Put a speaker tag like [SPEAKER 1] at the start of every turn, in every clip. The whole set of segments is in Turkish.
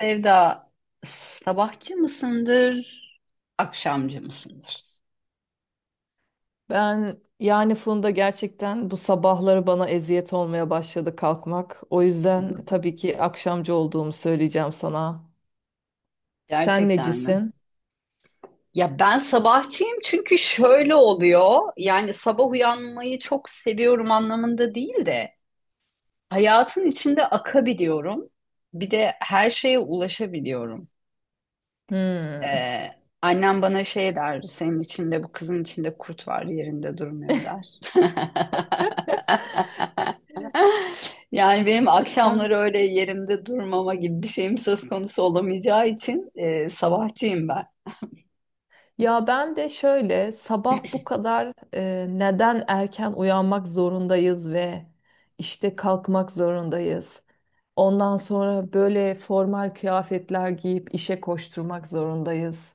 [SPEAKER 1] Sevda, sabahçı mısındır, akşamcı mısındır?
[SPEAKER 2] Ben yani Funda gerçekten bu sabahları bana eziyet olmaya başladı kalkmak. O yüzden tabii ki akşamcı olduğumu söyleyeceğim sana. Sen
[SPEAKER 1] Gerçekten mi?
[SPEAKER 2] necisin?
[SPEAKER 1] Ya ben sabahçıyım çünkü şöyle oluyor. Yani sabah uyanmayı çok seviyorum anlamında değil de hayatın içinde akabiliyorum. Bir de her şeye ulaşabiliyorum.
[SPEAKER 2] Hmm.
[SPEAKER 1] Ee, Annem bana şey der, senin içinde bu kızın içinde kurt var yerinde durmuyor der. Yani benim
[SPEAKER 2] Ben-
[SPEAKER 1] akşamları öyle yerimde durmama gibi bir şeyim söz konusu olamayacağı için sabahçıyım ben.
[SPEAKER 2] Ya ben de şöyle sabah bu kadar neden erken uyanmak zorundayız ve işte kalkmak zorundayız. Ondan sonra böyle formal kıyafetler giyip işe koşturmak zorundayız.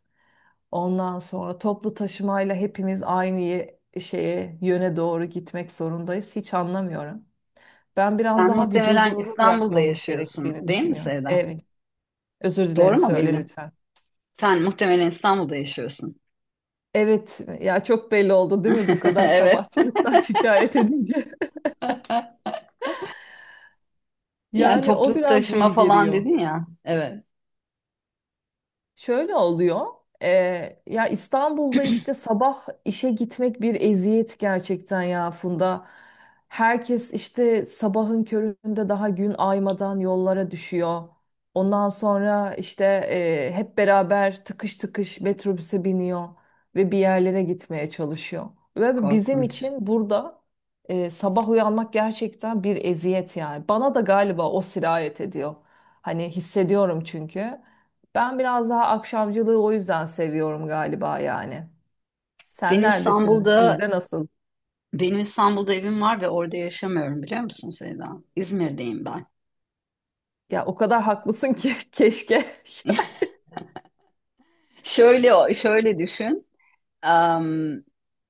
[SPEAKER 2] Ondan sonra toplu taşımayla hepimiz şeye, yöne doğru gitmek zorundayız. Hiç anlamıyorum. Ben biraz
[SPEAKER 1] Sen
[SPEAKER 2] daha
[SPEAKER 1] muhtemelen
[SPEAKER 2] vücudumuza
[SPEAKER 1] İstanbul'da
[SPEAKER 2] bırakmamız
[SPEAKER 1] yaşıyorsun,
[SPEAKER 2] gerektiğini
[SPEAKER 1] değil mi
[SPEAKER 2] düşünüyorum.
[SPEAKER 1] Sevda?
[SPEAKER 2] Evet. Özür
[SPEAKER 1] Doğru
[SPEAKER 2] dilerim
[SPEAKER 1] mu
[SPEAKER 2] söyle
[SPEAKER 1] bildim?
[SPEAKER 2] lütfen.
[SPEAKER 1] Sen muhtemelen İstanbul'da yaşıyorsun.
[SPEAKER 2] Evet ya, çok belli oldu değil mi bu kadar
[SPEAKER 1] Evet.
[SPEAKER 2] sabahçılıktan şikayet edince.
[SPEAKER 1] Yani
[SPEAKER 2] Yani o
[SPEAKER 1] toplu
[SPEAKER 2] biraz
[SPEAKER 1] taşıma
[SPEAKER 2] beni
[SPEAKER 1] falan
[SPEAKER 2] geriyor.
[SPEAKER 1] dedin ya. Evet,
[SPEAKER 2] Şöyle oluyor. Ya İstanbul'da işte sabah işe gitmek bir eziyet gerçekten ya Funda. Herkes işte sabahın köründe daha gün aymadan yollara düşüyor. Ondan sonra işte hep beraber tıkış tıkış metrobüse biniyor ve bir yerlere gitmeye çalışıyor. Ve bizim
[SPEAKER 1] korkunç.
[SPEAKER 2] için burada sabah uyanmak gerçekten bir eziyet yani. Bana da galiba o sirayet ediyor. Hani hissediyorum çünkü. Ben biraz daha akşamcılığı o yüzden seviyorum galiba yani. Sen
[SPEAKER 1] Benim
[SPEAKER 2] neredesin?
[SPEAKER 1] İstanbul'da
[SPEAKER 2] Sizde nasıl?
[SPEAKER 1] benim İstanbul'da evim var ve orada yaşamıyorum biliyor musun Sevda? İzmir'deyim ben.
[SPEAKER 2] Ya o kadar haklısın ki keşke.
[SPEAKER 1] Şöyle düşün. Am,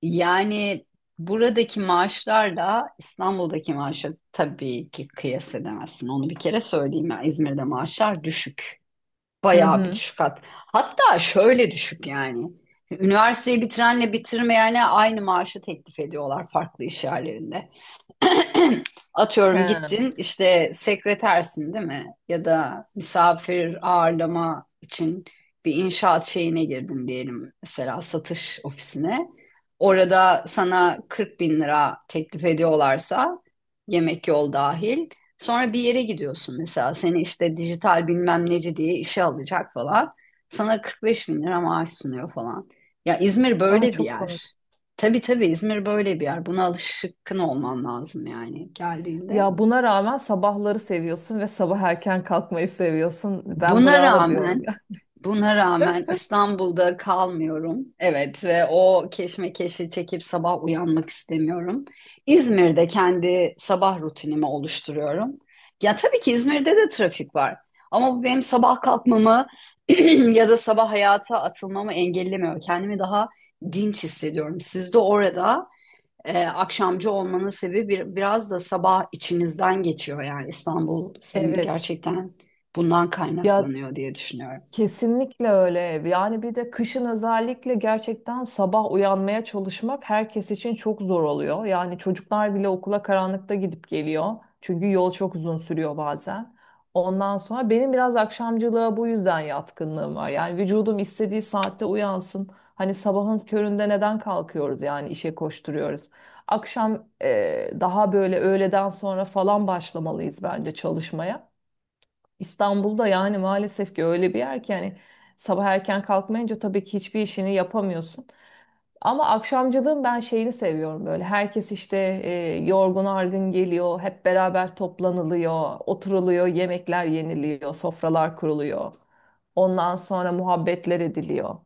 [SPEAKER 1] yani buradaki maaşlarla İstanbul'daki maaşı tabii ki kıyas edemezsin. Onu bir kere söyleyeyim ya. İzmir'de maaşlar düşük.
[SPEAKER 2] Hı
[SPEAKER 1] Bayağı bir
[SPEAKER 2] hı.
[SPEAKER 1] düşük hat. Hatta şöyle düşük yani. Üniversiteyi bitirenle bitirmeyene aynı maaşı teklif ediyorlar farklı iş yerlerinde. Atıyorum
[SPEAKER 2] He.
[SPEAKER 1] gittin işte sekretersin değil mi? Ya da misafir ağırlama için bir inşaat şeyine girdin diyelim mesela satış ofisine. Orada sana 40 bin lira teklif ediyorlarsa yemek yol dahil. Sonra bir yere gidiyorsun mesela seni işte dijital bilmem neci diye işe alacak falan. Sana 45 bin lira maaş sunuyor falan. Ya İzmir
[SPEAKER 2] Aa,
[SPEAKER 1] böyle bir
[SPEAKER 2] çok
[SPEAKER 1] yer.
[SPEAKER 2] komik.
[SPEAKER 1] Tabii İzmir böyle bir yer. Buna alışkın olman lazım yani geldiğinde.
[SPEAKER 2] Ya buna rağmen sabahları seviyorsun ve sabah erken kalkmayı seviyorsun. Ben
[SPEAKER 1] Buna
[SPEAKER 2] bravo diyorum
[SPEAKER 1] rağmen,
[SPEAKER 2] ya.
[SPEAKER 1] buna rağmen İstanbul'da kalmıyorum. Evet ve o keşmekeşi çekip sabah uyanmak istemiyorum. İzmir'de kendi sabah rutinimi oluşturuyorum. Ya tabii ki İzmir'de de trafik var. Ama bu benim sabah kalkmamı ya da sabah hayata atılmamı engellemiyor. Kendimi daha dinç hissediyorum. Siz de orada akşamcı olmanın sebebi bir, biraz da sabah içinizden geçiyor yani İstanbul sizin
[SPEAKER 2] Evet.
[SPEAKER 1] gerçekten bundan
[SPEAKER 2] Ya
[SPEAKER 1] kaynaklanıyor diye düşünüyorum.
[SPEAKER 2] kesinlikle öyle. Yani bir de kışın özellikle gerçekten sabah uyanmaya çalışmak herkes için çok zor oluyor. Yani çocuklar bile okula karanlıkta gidip geliyor. Çünkü yol çok uzun sürüyor bazen. Ondan sonra benim biraz akşamcılığa bu yüzden yatkınlığım var. Yani vücudum istediği saatte uyansın. Hani sabahın köründe neden kalkıyoruz yani işe koşturuyoruz. Akşam daha böyle öğleden sonra falan başlamalıyız bence çalışmaya. İstanbul'da yani maalesef ki öyle bir yer ki yani sabah erken kalkmayınca tabii ki hiçbir işini yapamıyorsun. Ama akşamcılığın ben şeyini seviyorum böyle. Herkes işte e, yorgun argın geliyor, hep beraber toplanılıyor, oturuluyor, yemekler yeniliyor, sofralar kuruluyor. Ondan sonra muhabbetler ediliyor.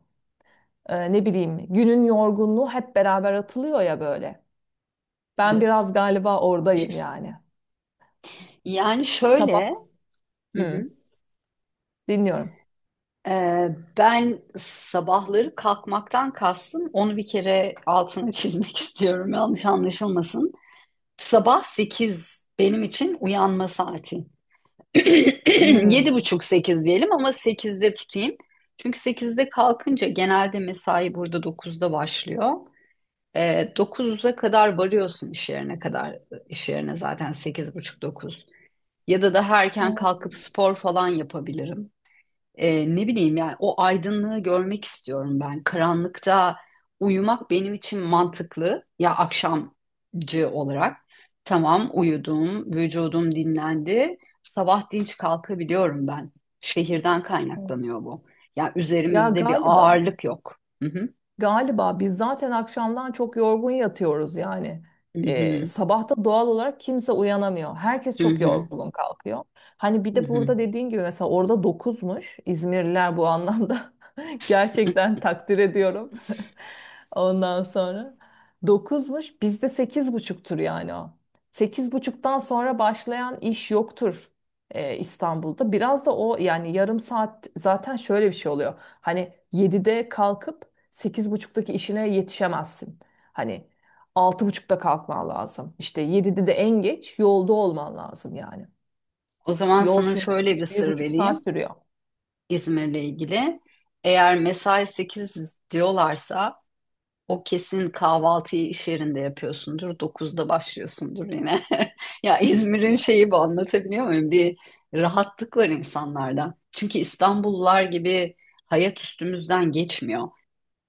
[SPEAKER 2] E, ne bileyim, günün yorgunluğu hep beraber atılıyor ya böyle. Ben
[SPEAKER 1] Evet.
[SPEAKER 2] biraz galiba oradayım yani.
[SPEAKER 1] Yani
[SPEAKER 2] Sabah.
[SPEAKER 1] şöyle hı
[SPEAKER 2] Hı,
[SPEAKER 1] hı,
[SPEAKER 2] dinliyorum.
[SPEAKER 1] e, ben sabahları kalkmaktan kastım onu bir kere altını çizmek istiyorum yanlış anlaşılmasın. Sabah 8 benim için uyanma saati.
[SPEAKER 2] Hmm.
[SPEAKER 1] Yedi
[SPEAKER 2] Evet,
[SPEAKER 1] buçuk 8 diyelim ama sekizde tutayım. Çünkü sekizde kalkınca genelde mesai burada dokuzda başlıyor. E, 9'a kadar varıyorsun iş yerine kadar. İş yerine zaten sekiz buçuk dokuz. Ya da daha erken kalkıp spor falan yapabilirim. Ne bileyim yani o aydınlığı görmek istiyorum ben. Karanlıkta uyumak benim için mantıklı. Ya akşamcı olarak. Tamam uyudum, vücudum dinlendi. Sabah dinç kalkabiliyorum ben. Şehirden
[SPEAKER 2] evet.
[SPEAKER 1] kaynaklanıyor bu. Ya
[SPEAKER 2] Ya
[SPEAKER 1] üzerimizde bir
[SPEAKER 2] galiba.
[SPEAKER 1] ağırlık yok. Hı hı.
[SPEAKER 2] Galiba biz zaten akşamdan çok yorgun yatıyoruz yani.
[SPEAKER 1] Hı hı.
[SPEAKER 2] Sabahta doğal olarak kimse uyanamıyor. Herkes
[SPEAKER 1] Hı
[SPEAKER 2] çok
[SPEAKER 1] hı.
[SPEAKER 2] yorgun kalkıyor. Hani bir
[SPEAKER 1] Hı
[SPEAKER 2] de
[SPEAKER 1] hı.
[SPEAKER 2] burada dediğin gibi mesela orada dokuzmuş, İzmirliler bu anlamda gerçekten takdir ediyorum. Ondan sonra dokuzmuş, bizde sekiz buçuktur yani o. Sekiz buçuktan sonra başlayan iş yoktur İstanbul'da. Biraz da o yani, yarım saat zaten şöyle bir şey oluyor. Hani 7'de kalkıp sekiz buçuktaki işine yetişemezsin. Hani 6:30'da kalkman lazım. İşte 7'de de en geç yolda olman lazım yani.
[SPEAKER 1] O zaman
[SPEAKER 2] Yol
[SPEAKER 1] sana
[SPEAKER 2] çünkü
[SPEAKER 1] şöyle bir
[SPEAKER 2] bir
[SPEAKER 1] sır
[SPEAKER 2] buçuk saat
[SPEAKER 1] vereyim
[SPEAKER 2] sürüyor.
[SPEAKER 1] İzmir'le ilgili. Eğer mesai 8 diyorlarsa o kesin kahvaltıyı iş yerinde yapıyorsundur. Dokuzda başlıyorsundur yine. Ya İzmir'in
[SPEAKER 2] Ya,
[SPEAKER 1] şeyi bu anlatabiliyor muyum? Bir rahatlık var insanlarda. Çünkü İstanbullular gibi hayat üstümüzden geçmiyor.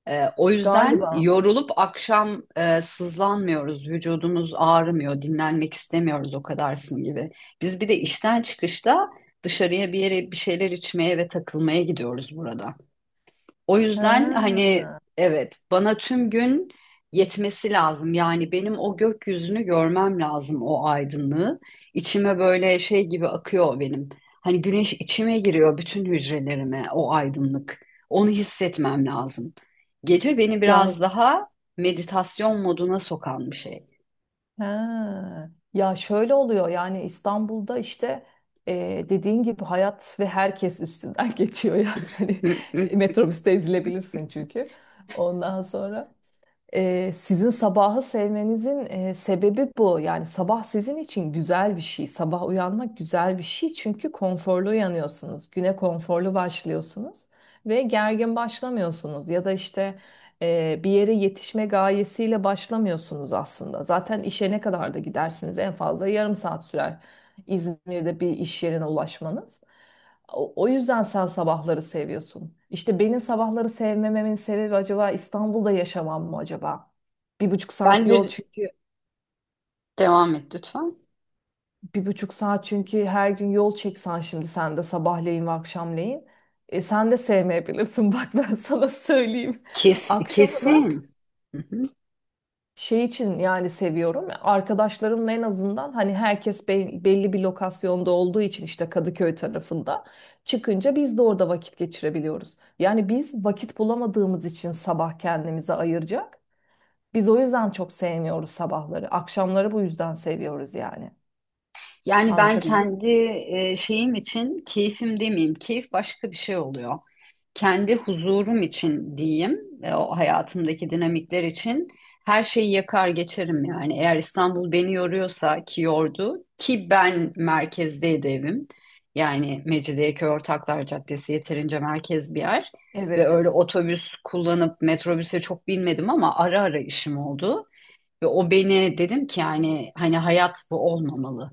[SPEAKER 1] O yüzden
[SPEAKER 2] galiba.
[SPEAKER 1] yorulup akşam sızlanmıyoruz, vücudumuz ağrımıyor, dinlenmek istemiyoruz o kadarsın gibi. Biz bir de işten çıkışta dışarıya bir yere bir şeyler içmeye ve takılmaya gidiyoruz burada. O yüzden hani
[SPEAKER 2] Ha.
[SPEAKER 1] evet bana tüm gün yetmesi lazım. Yani benim o gökyüzünü görmem lazım o aydınlığı. İçime böyle şey gibi akıyor benim. Hani güneş içime giriyor bütün hücrelerime o aydınlık. Onu hissetmem lazım. Gece beni
[SPEAKER 2] Ya
[SPEAKER 1] biraz daha meditasyon moduna sokan bir şey.
[SPEAKER 2] ha. Ya şöyle oluyor yani İstanbul'da işte dediğin gibi hayat ve herkes üstünden geçiyor yani. Hani
[SPEAKER 1] Hı hı.
[SPEAKER 2] metrobüste ezilebilirsin çünkü. Ondan sonra ee, sizin sabahı sevmenizin sebebi bu. Yani sabah sizin için güzel bir şey. Sabah uyanmak güzel bir şey çünkü konforlu uyanıyorsunuz. Güne konforlu başlıyorsunuz ve gergin başlamıyorsunuz. Ya da işte bir yere yetişme gayesiyle başlamıyorsunuz aslında. Zaten işe ne kadar da gidersiniz, en fazla yarım saat sürer İzmir'de bir iş yerine ulaşmanız. O yüzden sen sabahları seviyorsun. İşte benim sabahları sevmememin sebebi acaba İstanbul'da yaşamam mı acaba? Bir buçuk saat yol
[SPEAKER 1] Bence
[SPEAKER 2] çünkü,
[SPEAKER 1] devam et lütfen.
[SPEAKER 2] bir buçuk saat çünkü her gün yol çeksen şimdi sen de sabahleyin ve akşamleyin. E, sen de sevmeyebilirsin bak ben sana söyleyeyim.
[SPEAKER 1] Kes,
[SPEAKER 2] Akşama da.
[SPEAKER 1] kesin. Hı hı.
[SPEAKER 2] Şey için yani seviyorum. Arkadaşlarımla en azından hani belli bir lokasyonda olduğu için işte Kadıköy tarafında çıkınca biz de orada vakit geçirebiliyoruz. Yani biz vakit bulamadığımız için sabah kendimize ayıracak. Biz o yüzden çok sevmiyoruz sabahları. Akşamları bu yüzden seviyoruz yani.
[SPEAKER 1] Yani ben
[SPEAKER 2] Anlatabildim mi?
[SPEAKER 1] kendi şeyim için keyfim demeyeyim. Keyif başka bir şey oluyor. Kendi huzurum için diyeyim. O hayatımdaki dinamikler için her şeyi yakar geçerim yani. Eğer İstanbul beni yoruyorsa ki yordu ki ben merkezdeydi evim. Yani Mecidiyeköy Ortaklar Caddesi yeterince merkez bir yer. Ve
[SPEAKER 2] Evet.
[SPEAKER 1] öyle otobüs kullanıp metrobüse çok binmedim ama ara ara işim oldu. Ve o beni dedim ki yani hani hayat bu olmamalı.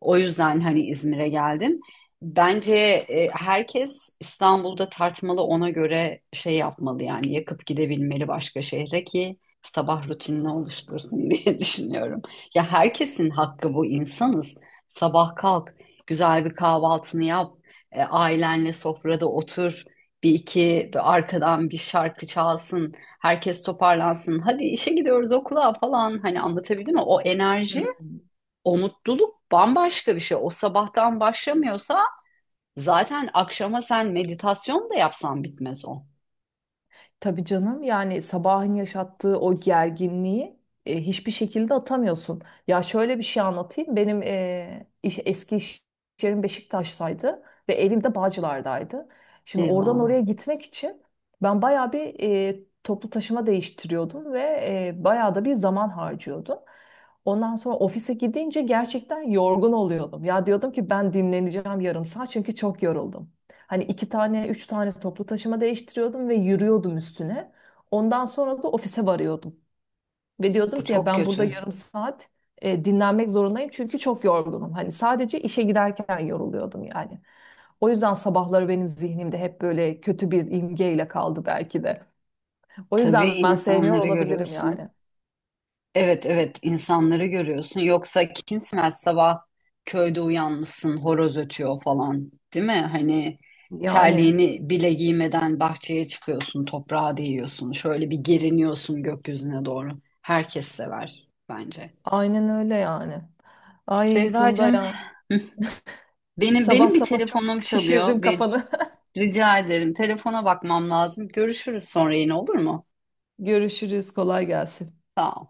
[SPEAKER 1] O yüzden hani İzmir'e geldim. Bence herkes İstanbul'da tartmalı ona göre şey yapmalı yani yakıp gidebilmeli başka şehre ki sabah rutinini oluştursun diye düşünüyorum. Ya herkesin hakkı bu insanız. Sabah kalk, güzel bir kahvaltını yap, ailenle sofrada otur, bir iki bir arkadan bir şarkı çalsın herkes toparlansın. Hadi işe gidiyoruz okula falan hani anlatabildim mi? O enerji,
[SPEAKER 2] Hmm.
[SPEAKER 1] o mutluluk bambaşka bir şey. O sabahtan başlamıyorsa zaten akşama sen meditasyon da yapsan bitmez o.
[SPEAKER 2] Tabii canım, yani sabahın yaşattığı o gerginliği hiçbir şekilde atamıyorsun. Ya şöyle bir şey anlatayım. Benim eski iş yerim Beşiktaş'taydı ve evim de Bağcılar'daydı. Şimdi oradan
[SPEAKER 1] Eyvah.
[SPEAKER 2] oraya gitmek için ben bayağı bir toplu taşıma değiştiriyordum ve bayağı da bir zaman harcıyordum. Ondan sonra ofise gidince gerçekten yorgun oluyordum. Ya diyordum ki ben dinleneceğim yarım saat çünkü çok yoruldum. Hani iki tane, üç tane toplu taşıma değiştiriyordum ve yürüyordum üstüne. Ondan sonra da ofise varıyordum. Ve diyordum
[SPEAKER 1] Bu
[SPEAKER 2] ki ya
[SPEAKER 1] çok
[SPEAKER 2] ben burada
[SPEAKER 1] kötü.
[SPEAKER 2] yarım saat dinlenmek zorundayım çünkü çok yorgunum. Hani sadece işe giderken yoruluyordum yani. O yüzden sabahları benim zihnimde hep böyle kötü bir imgeyle kaldı belki de. O
[SPEAKER 1] Tabii
[SPEAKER 2] yüzden ben sevmiyor
[SPEAKER 1] insanları
[SPEAKER 2] olabilirim
[SPEAKER 1] görüyorsun.
[SPEAKER 2] yani.
[SPEAKER 1] Evet, insanları görüyorsun. Yoksa kimsemez sabah köyde uyanmışsın horoz ötüyor falan değil mi? Hani
[SPEAKER 2] Yani
[SPEAKER 1] terliğini bile giymeden bahçeye çıkıyorsun toprağa değiyorsun. Şöyle bir geriniyorsun gökyüzüne doğru. Herkes sever bence.
[SPEAKER 2] aynen öyle yani. Ay Funda
[SPEAKER 1] Sevdacığım
[SPEAKER 2] ya.
[SPEAKER 1] hı, benim
[SPEAKER 2] Sabah
[SPEAKER 1] benim bir
[SPEAKER 2] sabah çok
[SPEAKER 1] telefonum
[SPEAKER 2] şişirdim
[SPEAKER 1] çalıyor ve
[SPEAKER 2] kafanı.
[SPEAKER 1] rica ederim telefona bakmam lazım. Görüşürüz sonra yine olur mu?
[SPEAKER 2] Görüşürüz. Kolay gelsin.
[SPEAKER 1] Sağ ol.